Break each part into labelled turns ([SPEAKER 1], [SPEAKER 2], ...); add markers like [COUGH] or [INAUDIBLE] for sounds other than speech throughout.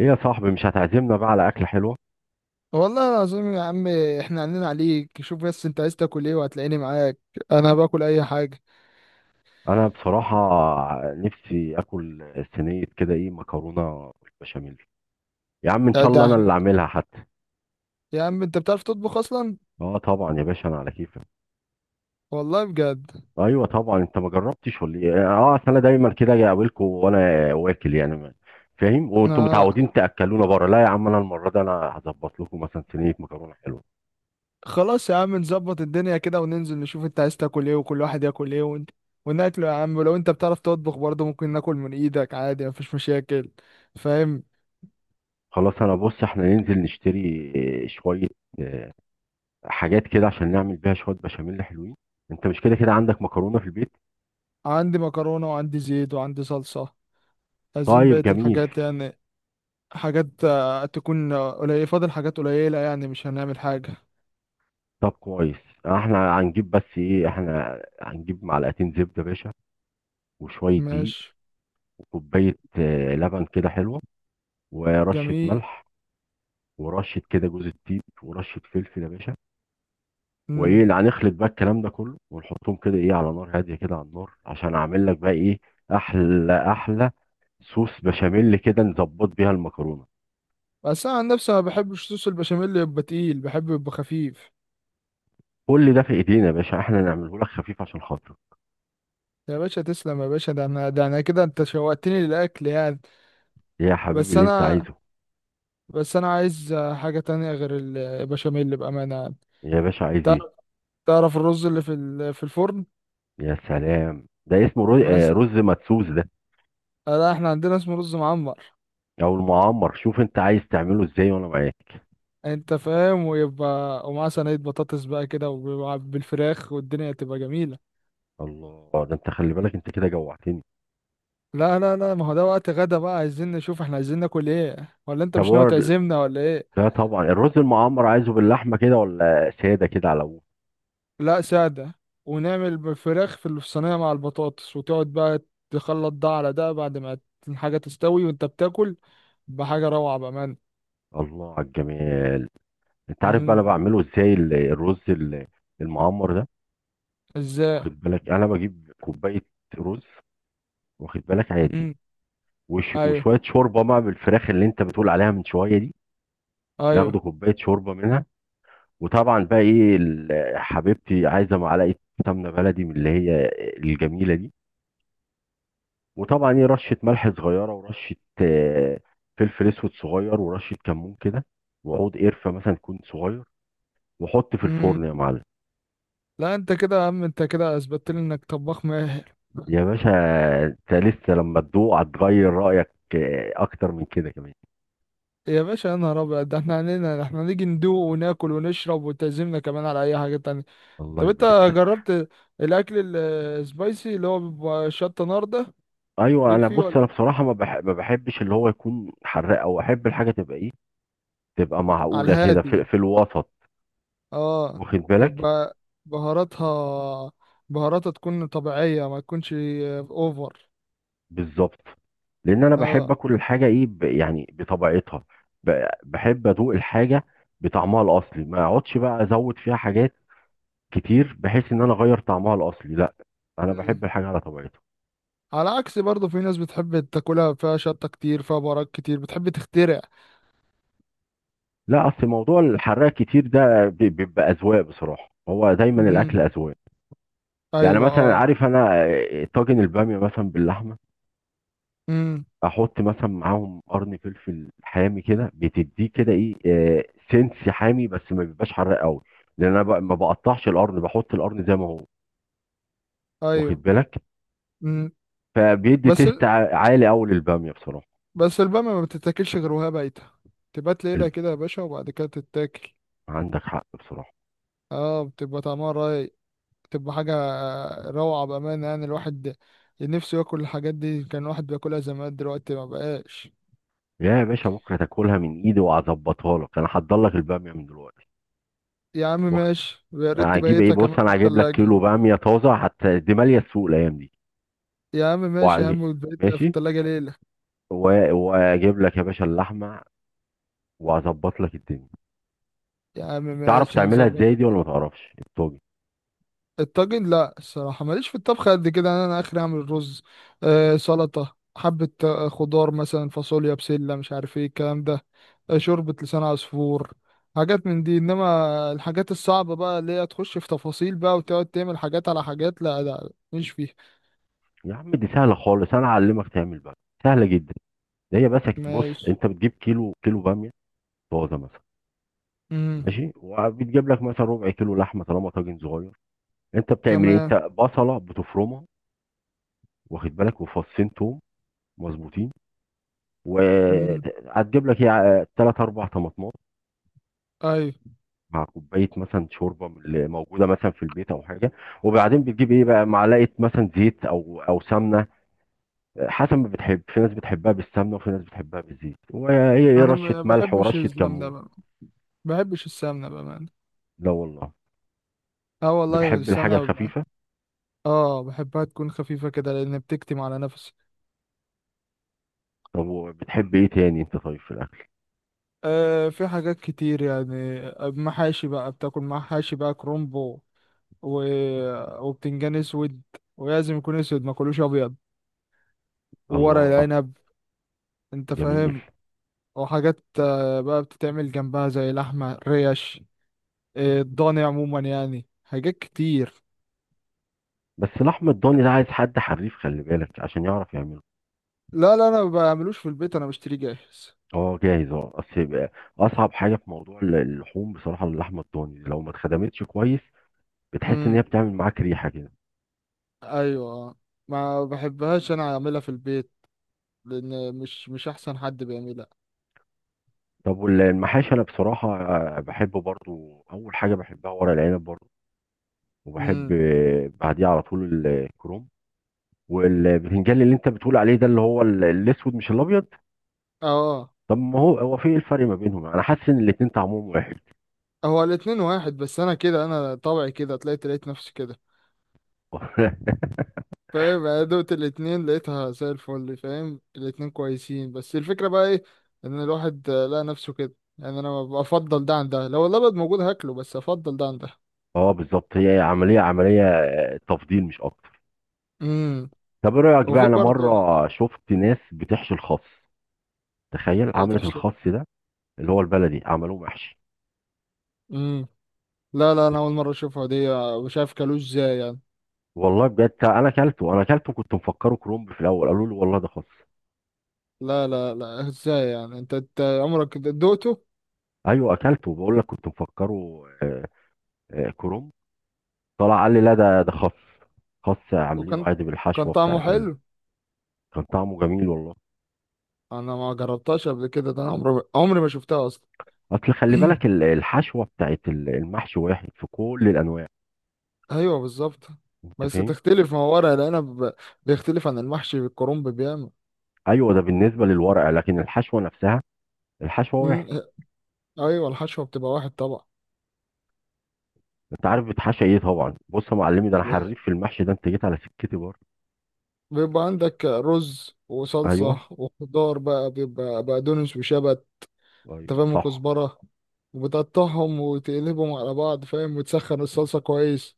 [SPEAKER 1] ايه يا صاحبي، مش هتعزمنا بقى على اكله حلوه؟
[SPEAKER 2] والله العظيم يا عم. احنا عندنا عليك، شوف بس انت عايز تاكل ايه وهتلاقيني معاك. انا باكل اي حاجه.
[SPEAKER 1] انا بصراحه نفسي اكل صينيه كده، ايه، مكرونه بالبشاميل. يا عم ان
[SPEAKER 2] ده
[SPEAKER 1] شاء
[SPEAKER 2] ده
[SPEAKER 1] الله انا اللي
[SPEAKER 2] احنا
[SPEAKER 1] اعملها حتى.
[SPEAKER 2] يا عم انت بتعرف تطبخ اصلا؟
[SPEAKER 1] اه طبعا يا باشا، انا على كيفك.
[SPEAKER 2] والله بجد.
[SPEAKER 1] ايوه طبعا، انت ما جربتش ولا ايه؟ اه، اصل انا دايما كده اجي اقابلكم وانا واكل، يعني فاهم، وانتم
[SPEAKER 2] اه.
[SPEAKER 1] متعودين تاكلونا بره. لا يا عم، انا المره دي انا هظبط لكم مثلا صينيه مكرونه حلوه.
[SPEAKER 2] خلاص يا عم، نظبط الدنيا كده وننزل نشوف انت عايز تاكل ايه وكل واحد ياكل ايه، وناكله يا عم. ولو انت بتعرف تطبخ برضه ممكن ناكل من ايدك عادي، مفيش مشاكل. فاهم.
[SPEAKER 1] خلاص، انا بص احنا ننزل نشتري شويه آه، حاجات كده عشان نعمل بيها شويه بشاميل حلوين. انت مش كده كده عندك مكرونه في البيت؟
[SPEAKER 2] عندي مكرونه وعندي زيت وعندي صلصه، عايزين
[SPEAKER 1] طيب
[SPEAKER 2] بقيه
[SPEAKER 1] جميل.
[SPEAKER 2] الحاجات يعني. حاجات تكون قليله، فاضل حاجات قليله يعني، مش هنعمل حاجه.
[SPEAKER 1] طب كويس. احنا هنجيب معلقتين زبدة يا باشا، وشوية دقيق،
[SPEAKER 2] ماشي.
[SPEAKER 1] وكوباية لبن كده حلوة، ورشة
[SPEAKER 2] جميل.
[SPEAKER 1] ملح، ورشة كده جوز الطيب، ورشة فلفل يا باشا. وايه
[SPEAKER 2] امم
[SPEAKER 1] اللي هنخلط بقى الكلام ده كله، ونحطهم كده ايه على نار هادية كده على النار، عشان اعمل لك بقى ايه احلى احلى صوص بشاميل كده نظبط بيها المكرونة.
[SPEAKER 2] بس انا عن نفسي ما بحبش صوص البشاميل يبقى تقيل، بحبه يبقى خفيف.
[SPEAKER 1] كل ده في ايدينا يا باشا، احنا نعمله لك خفيف عشان خاطرك.
[SPEAKER 2] يا باشا تسلم يا باشا، ده انا كده انت شوقتني للاكل يعني.
[SPEAKER 1] يا حبيبي
[SPEAKER 2] بس
[SPEAKER 1] اللي انت
[SPEAKER 2] انا
[SPEAKER 1] عايزه.
[SPEAKER 2] بس انا عايز حاجه تانية غير البشاميل بامانه يعني.
[SPEAKER 1] يا باشا عايز
[SPEAKER 2] تعرف
[SPEAKER 1] ايه؟
[SPEAKER 2] تعرف الرز اللي في في الفرن؟
[SPEAKER 1] يا سلام، ده اسمه رز, آه،
[SPEAKER 2] مثلا.
[SPEAKER 1] رز مدسوس ده.
[SPEAKER 2] لا، احنا عندنا اسمه رز معمر.
[SPEAKER 1] او المعمر، شوف انت عايز تعمله ازاي وانا معاك.
[SPEAKER 2] انت فاهم، ويبقى ومعاه صينيه بطاطس بقى كده وبالفراخ والدنيا تبقى جميله.
[SPEAKER 1] الله، ده انت خلي بالك انت كده جوعتني.
[SPEAKER 2] لا لا لا، ما هو ده وقت غدا بقى، عايزين نشوف احنا عايزين ناكل ايه، ولا انت
[SPEAKER 1] طب
[SPEAKER 2] مش ناوي
[SPEAKER 1] هو ال-
[SPEAKER 2] تعزمنا ولا ايه؟
[SPEAKER 1] لا طبعا الرز المعمر، عايزه باللحمه كده ولا ساده كده على ابوه؟
[SPEAKER 2] لا، سادة. ونعمل فراخ في الصينية مع البطاطس، وتقعد بقى تخلط ده على ده بعد ما الحاجة تستوي وانت بتاكل بحاجة روعة بأمان.
[SPEAKER 1] الله على الجمال. انت عارف بقى انا
[SPEAKER 2] مم.
[SPEAKER 1] بعمله ازاي الرز المعمر ده؟
[SPEAKER 2] ازاي؟
[SPEAKER 1] واخد بالك، انا بجيب كوبايه رز، واخد بالك، عادي،
[SPEAKER 2] مم.
[SPEAKER 1] وش
[SPEAKER 2] ايوه،
[SPEAKER 1] وشويه شوربه بقى بالفراخ اللي انت بتقول عليها من شويه دي.
[SPEAKER 2] ايوه.
[SPEAKER 1] ناخده كوبايه شوربه منها. وطبعا بقى ايه حبيبتي عايزه معلقه سمنه بلدي، من اللي هي الجميله دي. وطبعا ايه رشه ملح صغيره، ورشه آه، فلفل اسود صغير، ورشه كمون كده، وعود قرفه مثلا يكون صغير، وحط في
[SPEAKER 2] مم.
[SPEAKER 1] الفرن يا معلم.
[SPEAKER 2] لا، انت كده يا عم، انت كده اثبتت لي انك طباخ ماهر.
[SPEAKER 1] يا باشا انت لسه لما تدوق هتغير رايك، اكتر من كده كمان.
[SPEAKER 2] يا باشا يا نهار ابيض، ده احنا علينا احنا نيجي ندوق وناكل ونشرب وتعزمنا كمان على اي حاجة تانية.
[SPEAKER 1] الله
[SPEAKER 2] طب انت
[SPEAKER 1] يبارك لك.
[SPEAKER 2] جربت الاكل السبايسي اللي هو بيبقى شطة نار ده؟
[SPEAKER 1] ايوه
[SPEAKER 2] ليك
[SPEAKER 1] انا
[SPEAKER 2] فيه
[SPEAKER 1] بص،
[SPEAKER 2] ولا؟
[SPEAKER 1] انا بصراحه ما بحبش اللي هو يكون حراق، او احب الحاجه تبقى ايه، تبقى
[SPEAKER 2] على
[SPEAKER 1] معقوله كده
[SPEAKER 2] الهادي.
[SPEAKER 1] في الوسط،
[SPEAKER 2] اه.
[SPEAKER 1] واخد بالك،
[SPEAKER 2] يبقى بهاراتها بهاراتها تكون طبيعية، ما تكونش اوفر.
[SPEAKER 1] بالظبط، لان انا بحب
[SPEAKER 2] اه.
[SPEAKER 1] اكل الحاجه ايه، يعني بطبيعتها، بحب ادوق الحاجه بطعمها الاصلي، ما اقعدش بقى ازود فيها حاجات كتير بحيث ان انا اغير طعمها الاصلي. لا، انا
[SPEAKER 2] مم.
[SPEAKER 1] بحب الحاجه على طبيعتها.
[SPEAKER 2] على عكس برضه في ناس بتحب تاكلها فيها شطة كتير، فيها بهارات كتير، بتحب تخترع.
[SPEAKER 1] لا اصل موضوع الحراق كتير ده بيبقى اذواق بصراحه، هو دايما الاكل
[SPEAKER 2] مم.
[SPEAKER 1] اذواق. يعني
[SPEAKER 2] ايوه
[SPEAKER 1] مثلا
[SPEAKER 2] اه.
[SPEAKER 1] عارف، انا طاجن الباميه مثلا باللحمه،
[SPEAKER 2] مم.
[SPEAKER 1] احط مثلا معاهم قرن فلفل حامي كده، بتديه كده ايه سنس حامي، بس ما بيبقاش حراق قوي. لان انا بقى ما بقطعش القرن، بحط القرن زي ما هو،
[SPEAKER 2] ايوه.
[SPEAKER 1] واخد بالك،
[SPEAKER 2] مم.
[SPEAKER 1] فبيدي
[SPEAKER 2] بس
[SPEAKER 1] تيست عالي قوي للباميه بصراحه.
[SPEAKER 2] بس البامية ما بتتاكلش غير وهي بايتة، تبات ليلة
[SPEAKER 1] الب...
[SPEAKER 2] كده يا باشا وبعد كده تتاكل.
[SPEAKER 1] عندك حق بصراحه.
[SPEAKER 2] اه بتبقى طعمها رايق، بتبقى حاجة روعة بأمانة، يعني الواحد نفسه ياكل الحاجات دي، كان الواحد بياكلها زمان دلوقتي ما بقاش.
[SPEAKER 1] يا باشا بكره تاكلها من ايدي، وهظبطها لك، انا هحضر لك الباميه من دلوقتي.
[SPEAKER 2] يا عم
[SPEAKER 1] واخد-
[SPEAKER 2] ماشي، ويا ريت
[SPEAKER 1] هجيب ايه،
[SPEAKER 2] تبيتها
[SPEAKER 1] بص
[SPEAKER 2] كمان في
[SPEAKER 1] انا هجيب لك
[SPEAKER 2] التلاجة.
[SPEAKER 1] كيلو باميه طازه حتى، دي ماليه السوق الايام دي.
[SPEAKER 2] يا عم ماشي يا عم،
[SPEAKER 1] مم.
[SPEAKER 2] وتبيتها في
[SPEAKER 1] ماشي.
[SPEAKER 2] التلاجة ليلة.
[SPEAKER 1] واجيب لك يا باشا اللحمه وهظبط لك الدنيا.
[SPEAKER 2] يا عم
[SPEAKER 1] تعرف
[SPEAKER 2] ماشي،
[SPEAKER 1] تعملها
[SPEAKER 2] هنظبط.
[SPEAKER 1] ازاي دي ولا ما تعرفش الطاجن؟
[SPEAKER 2] الطاجن، لا، الصراحة ماليش في الطبخ قد كده، أنا آخري أعمل رز، آه سلطة، حبة خضار مثلا، فاصوليا، بسلة، مش عارف ايه الكلام ده. شوربة لسان عصفور. حاجات من دي، إنما الحاجات الصعبة بقى اللي هي تخش في تفاصيل بقى وتقعد تعمل حاجات على حاجات، لا لا مش فيها.
[SPEAKER 1] يا عم دي سهله خالص، انا اعلمك تعمل بقى، سهله جدا. ده هي بس، بص
[SPEAKER 2] ماشي.
[SPEAKER 1] انت بتجيب كيلو باميه طازه مثلا،
[SPEAKER 2] مم.
[SPEAKER 1] ماشي، وبتجيب لك مثلا ربع كيلو لحمه طالما طاجن صغير. انت بتعمل ايه؟ انت
[SPEAKER 2] تمام.
[SPEAKER 1] بصله بتفرمها، واخد بالك، وفصين توم مظبوطين،
[SPEAKER 2] مم.
[SPEAKER 1] وهتجيب لك ايه ثلاث اربع طماطمات
[SPEAKER 2] أيوة.
[SPEAKER 1] مع كوبايه مثلا شوربه من اللي موجوده مثلا في البيت او حاجه، وبعدين بتجيب ايه بقى معلقه مثلا زيت او سمنه، حسب ما بتحب. في ناس بتحبها بالسمنه، وفي ناس بتحبها بالزيت، وهي ايه
[SPEAKER 2] أنا
[SPEAKER 1] رشه
[SPEAKER 2] ما
[SPEAKER 1] ملح
[SPEAKER 2] بحبش
[SPEAKER 1] ورشه
[SPEAKER 2] الزلم ده
[SPEAKER 1] كمون.
[SPEAKER 2] بقى، ما بحبش السمنة بأمانة.
[SPEAKER 1] لا والله،
[SPEAKER 2] اه والله
[SPEAKER 1] بتحب الحاجه
[SPEAKER 2] السمنة ببقى-
[SPEAKER 1] الخفيفه.
[SPEAKER 2] اه، بحبها تكون خفيفة كده لأن بتكتم على نفسي.
[SPEAKER 1] طب وبتحب ايه تاني انت طيب في الاكل؟
[SPEAKER 2] في حاجات كتير يعني، محاشي بقى، بتاكل محاشي بقى، كرومبو و... وبتنجان اسود، ولازم يكون اسود، ما كلوش ابيض. وورق
[SPEAKER 1] الله
[SPEAKER 2] العنب. انت
[SPEAKER 1] جميل.
[SPEAKER 2] فاهم. وحاجات بقى بتتعمل جنبها زي لحمة ريش. الضاني عموما يعني، حاجات كتير.
[SPEAKER 1] بس اللحم الضاني ده عايز حد حريف خلي بالك عشان يعرف يعمله.
[SPEAKER 2] لا لا، انا ما بعملوش في البيت، انا بشتريه جاهز.
[SPEAKER 1] اه جاهز، اه اصل يبقى اصعب حاجه في موضوع اللحوم بصراحه اللحمه الضاني، لو ما اتخدمتش كويس بتحس ان هي بتعمل معاك ريحه كده.
[SPEAKER 2] ايوه آه. ما بحبهاش انا اعملها في البيت، لان مش احسن حد بيعملها.
[SPEAKER 1] طب والمحاشي، انا بصراحه بحب برضو، اول حاجه بحبها ورق العنب برضو، وبحب
[SPEAKER 2] امم
[SPEAKER 1] بعديه على طول الكروم، والبتنجان اللي انت بتقول عليه ده، اللي هو الاسود مش الابيض.
[SPEAKER 2] اه،
[SPEAKER 1] طب ما هو هو في ايه الفرق ما بينهم؟ انا حاسس ان الاتنين طعمهم واحد.
[SPEAKER 2] هو الاتنين واحد، بس انا كده انا طبعي كده طلعت لقيت نفسي كده.
[SPEAKER 1] [LAUGHS]
[SPEAKER 2] فاهم، انا دوت الاتنين لقيتها زي الفل، فاهم الاتنين كويسين، بس الفكرة بقى ايه ان الواحد لقى نفسه كده يعني، انا بفضل ده عن ده، لو الابيض موجود هاكله بس افضل ده عن ده.
[SPEAKER 1] اه بالظبط، هي عمليه تفضيل مش اكتر.
[SPEAKER 2] امم
[SPEAKER 1] طب ايه رايك بقى،
[SPEAKER 2] وفي
[SPEAKER 1] انا
[SPEAKER 2] برضه.
[SPEAKER 1] مره شفت ناس بتحشي الخس. تخيل، عملت
[SPEAKER 2] تحشيش.
[SPEAKER 1] الخس ده اللي هو البلدي عملوه محشي.
[SPEAKER 2] امم لا لا، انا اول مرة اشوفها دي، مش عارف كلوش ازاي يعني.
[SPEAKER 1] والله بجد، انا اكلته، كنت مفكره كرومب في الاول، قالوا لي والله ده خس.
[SPEAKER 2] لا لا لا، ازاي يعني؟ انت عمرك دوقته؟
[SPEAKER 1] ايوه اكلته بقول لك، كنت مفكره كرومب. طلع قال لي لا، ده خس، خس عاملينه
[SPEAKER 2] وكان
[SPEAKER 1] عادي
[SPEAKER 2] كان
[SPEAKER 1] بالحشوه
[SPEAKER 2] طعمه
[SPEAKER 1] بتاعت
[SPEAKER 2] حلو.
[SPEAKER 1] كان طعمه جميل والله.
[SPEAKER 2] انا ما جربتهاش قبل كده، ده انا عمري عمري ما شفتها اصلا.
[SPEAKER 1] اصل خلي
[SPEAKER 2] [CLEARS THROAT]
[SPEAKER 1] بالك الحشوه بتاعت المحشي واحد في كل الانواع،
[SPEAKER 2] ايوه بالظبط.
[SPEAKER 1] انت
[SPEAKER 2] بس
[SPEAKER 1] فاهم،
[SPEAKER 2] تختلف، ما هو ورق العنب بيختلف عن المحشي بالكرنب بيعمل.
[SPEAKER 1] ايوه ده بالنسبه للورق، لكن الحشوه نفسها، الحشوه
[SPEAKER 2] مم،
[SPEAKER 1] واحد.
[SPEAKER 2] ايوه الحشوه بتبقى واحد طبعا.
[SPEAKER 1] انت عارف بتحشى ايه طبعا، بص يا معلمي، ده انا
[SPEAKER 2] ب-
[SPEAKER 1] حريف في المحشي ده، انت جيت على سكتي برضه.
[SPEAKER 2] بيبقى عندك رز وصلصه
[SPEAKER 1] ايوه
[SPEAKER 2] وخضار بقى، بيبقى بقدونس وشبت. انت
[SPEAKER 1] ايوه
[SPEAKER 2] فاهم،
[SPEAKER 1] صح،
[SPEAKER 2] وكزبره. وبتقطعهم وتقلبهم على بعض، فاهم، وتسخن الصلصه كويس،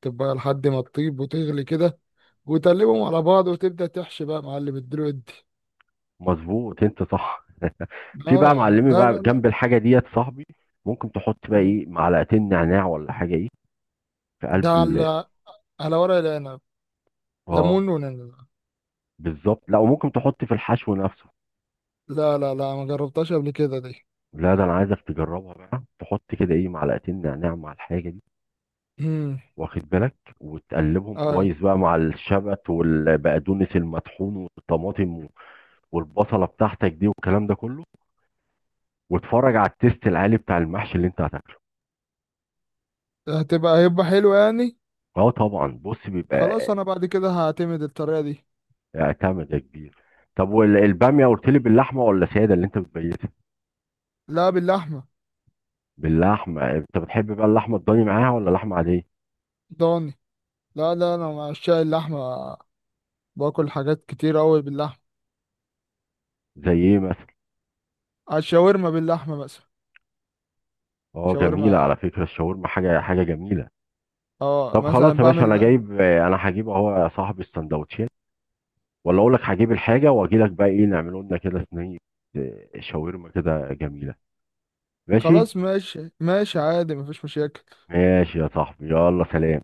[SPEAKER 2] تبقى لحد ما تطيب وتغلي كده، وتقلبهم على بعض وتبدأ تحشي بقى يا معلم الدلوقتي دي.
[SPEAKER 1] مظبوط، انت صح. في بقى
[SPEAKER 2] اه.
[SPEAKER 1] معلمي
[SPEAKER 2] لا لا
[SPEAKER 1] بقى
[SPEAKER 2] لا.
[SPEAKER 1] جنب الحاجه ديت صاحبي، ممكن تحط بقى
[SPEAKER 2] مم.
[SPEAKER 1] ايه معلقتين نعناع ولا حاجه ايه. في
[SPEAKER 2] ده
[SPEAKER 1] قلب مم.
[SPEAKER 2] على ورق العنب،
[SPEAKER 1] اه
[SPEAKER 2] ليمون ونعناع.
[SPEAKER 1] بالظبط، لا، وممكن تحط في الحشو نفسه.
[SPEAKER 2] لا لا لا، ما جربتهاش قبل كده دي.
[SPEAKER 1] لا ده انا عايزك تجربها بقى، تحط كده ايه معلقتين نعناع مع الحاجه دي،
[SPEAKER 2] مم.
[SPEAKER 1] واخد بالك، وتقلبهم
[SPEAKER 2] اه،
[SPEAKER 1] كويس بقى مع الشبت والبقدونس المطحون والطماطم والبصله بتاعتك دي والكلام ده كله، واتفرج على التيست العالي بتاع المحشي اللي انت هتاكله.
[SPEAKER 2] هيبقى حلو يعني.
[SPEAKER 1] اه طبعا بص
[SPEAKER 2] خلاص
[SPEAKER 1] بيبقى.
[SPEAKER 2] انا بعد كده هعتمد الطريقة دي.
[SPEAKER 1] اعتمد ده كبير. طب والباميه قلت لي باللحمه ولا ساده اللي انت بتبيتها؟
[SPEAKER 2] لا باللحمة.
[SPEAKER 1] باللحمه، انت بتحب بقى اللحمه الضاني معاها ولا لحمه عاديه؟
[SPEAKER 2] ضاني. لا لا، انا مع عشاق اللحمة، باكل حاجات كتير قوي باللحمة.
[SPEAKER 1] زي ايه مثلا؟
[SPEAKER 2] على الشاورما باللحمة مثلا.
[SPEAKER 1] اه جميلة،
[SPEAKER 2] شاورما.
[SPEAKER 1] على فكرة الشاورما حاجة حاجة جميلة.
[SPEAKER 2] اه
[SPEAKER 1] طب خلاص
[SPEAKER 2] مثلا
[SPEAKER 1] يا باشا، انا
[SPEAKER 2] بعمل.
[SPEAKER 1] جايب آه، انا هجيب اهو يا صاحبي السندوتشين، ولا اقول لك هجيب الحاجة واجي لك، بقى ايه نعمله لنا كده صينية شاورما كده جميلة، ماشي.
[SPEAKER 2] خلاص ماشي، ماشي، عادي مفيش مشاكل.
[SPEAKER 1] ماشي يا صاحبي، يلا سلام.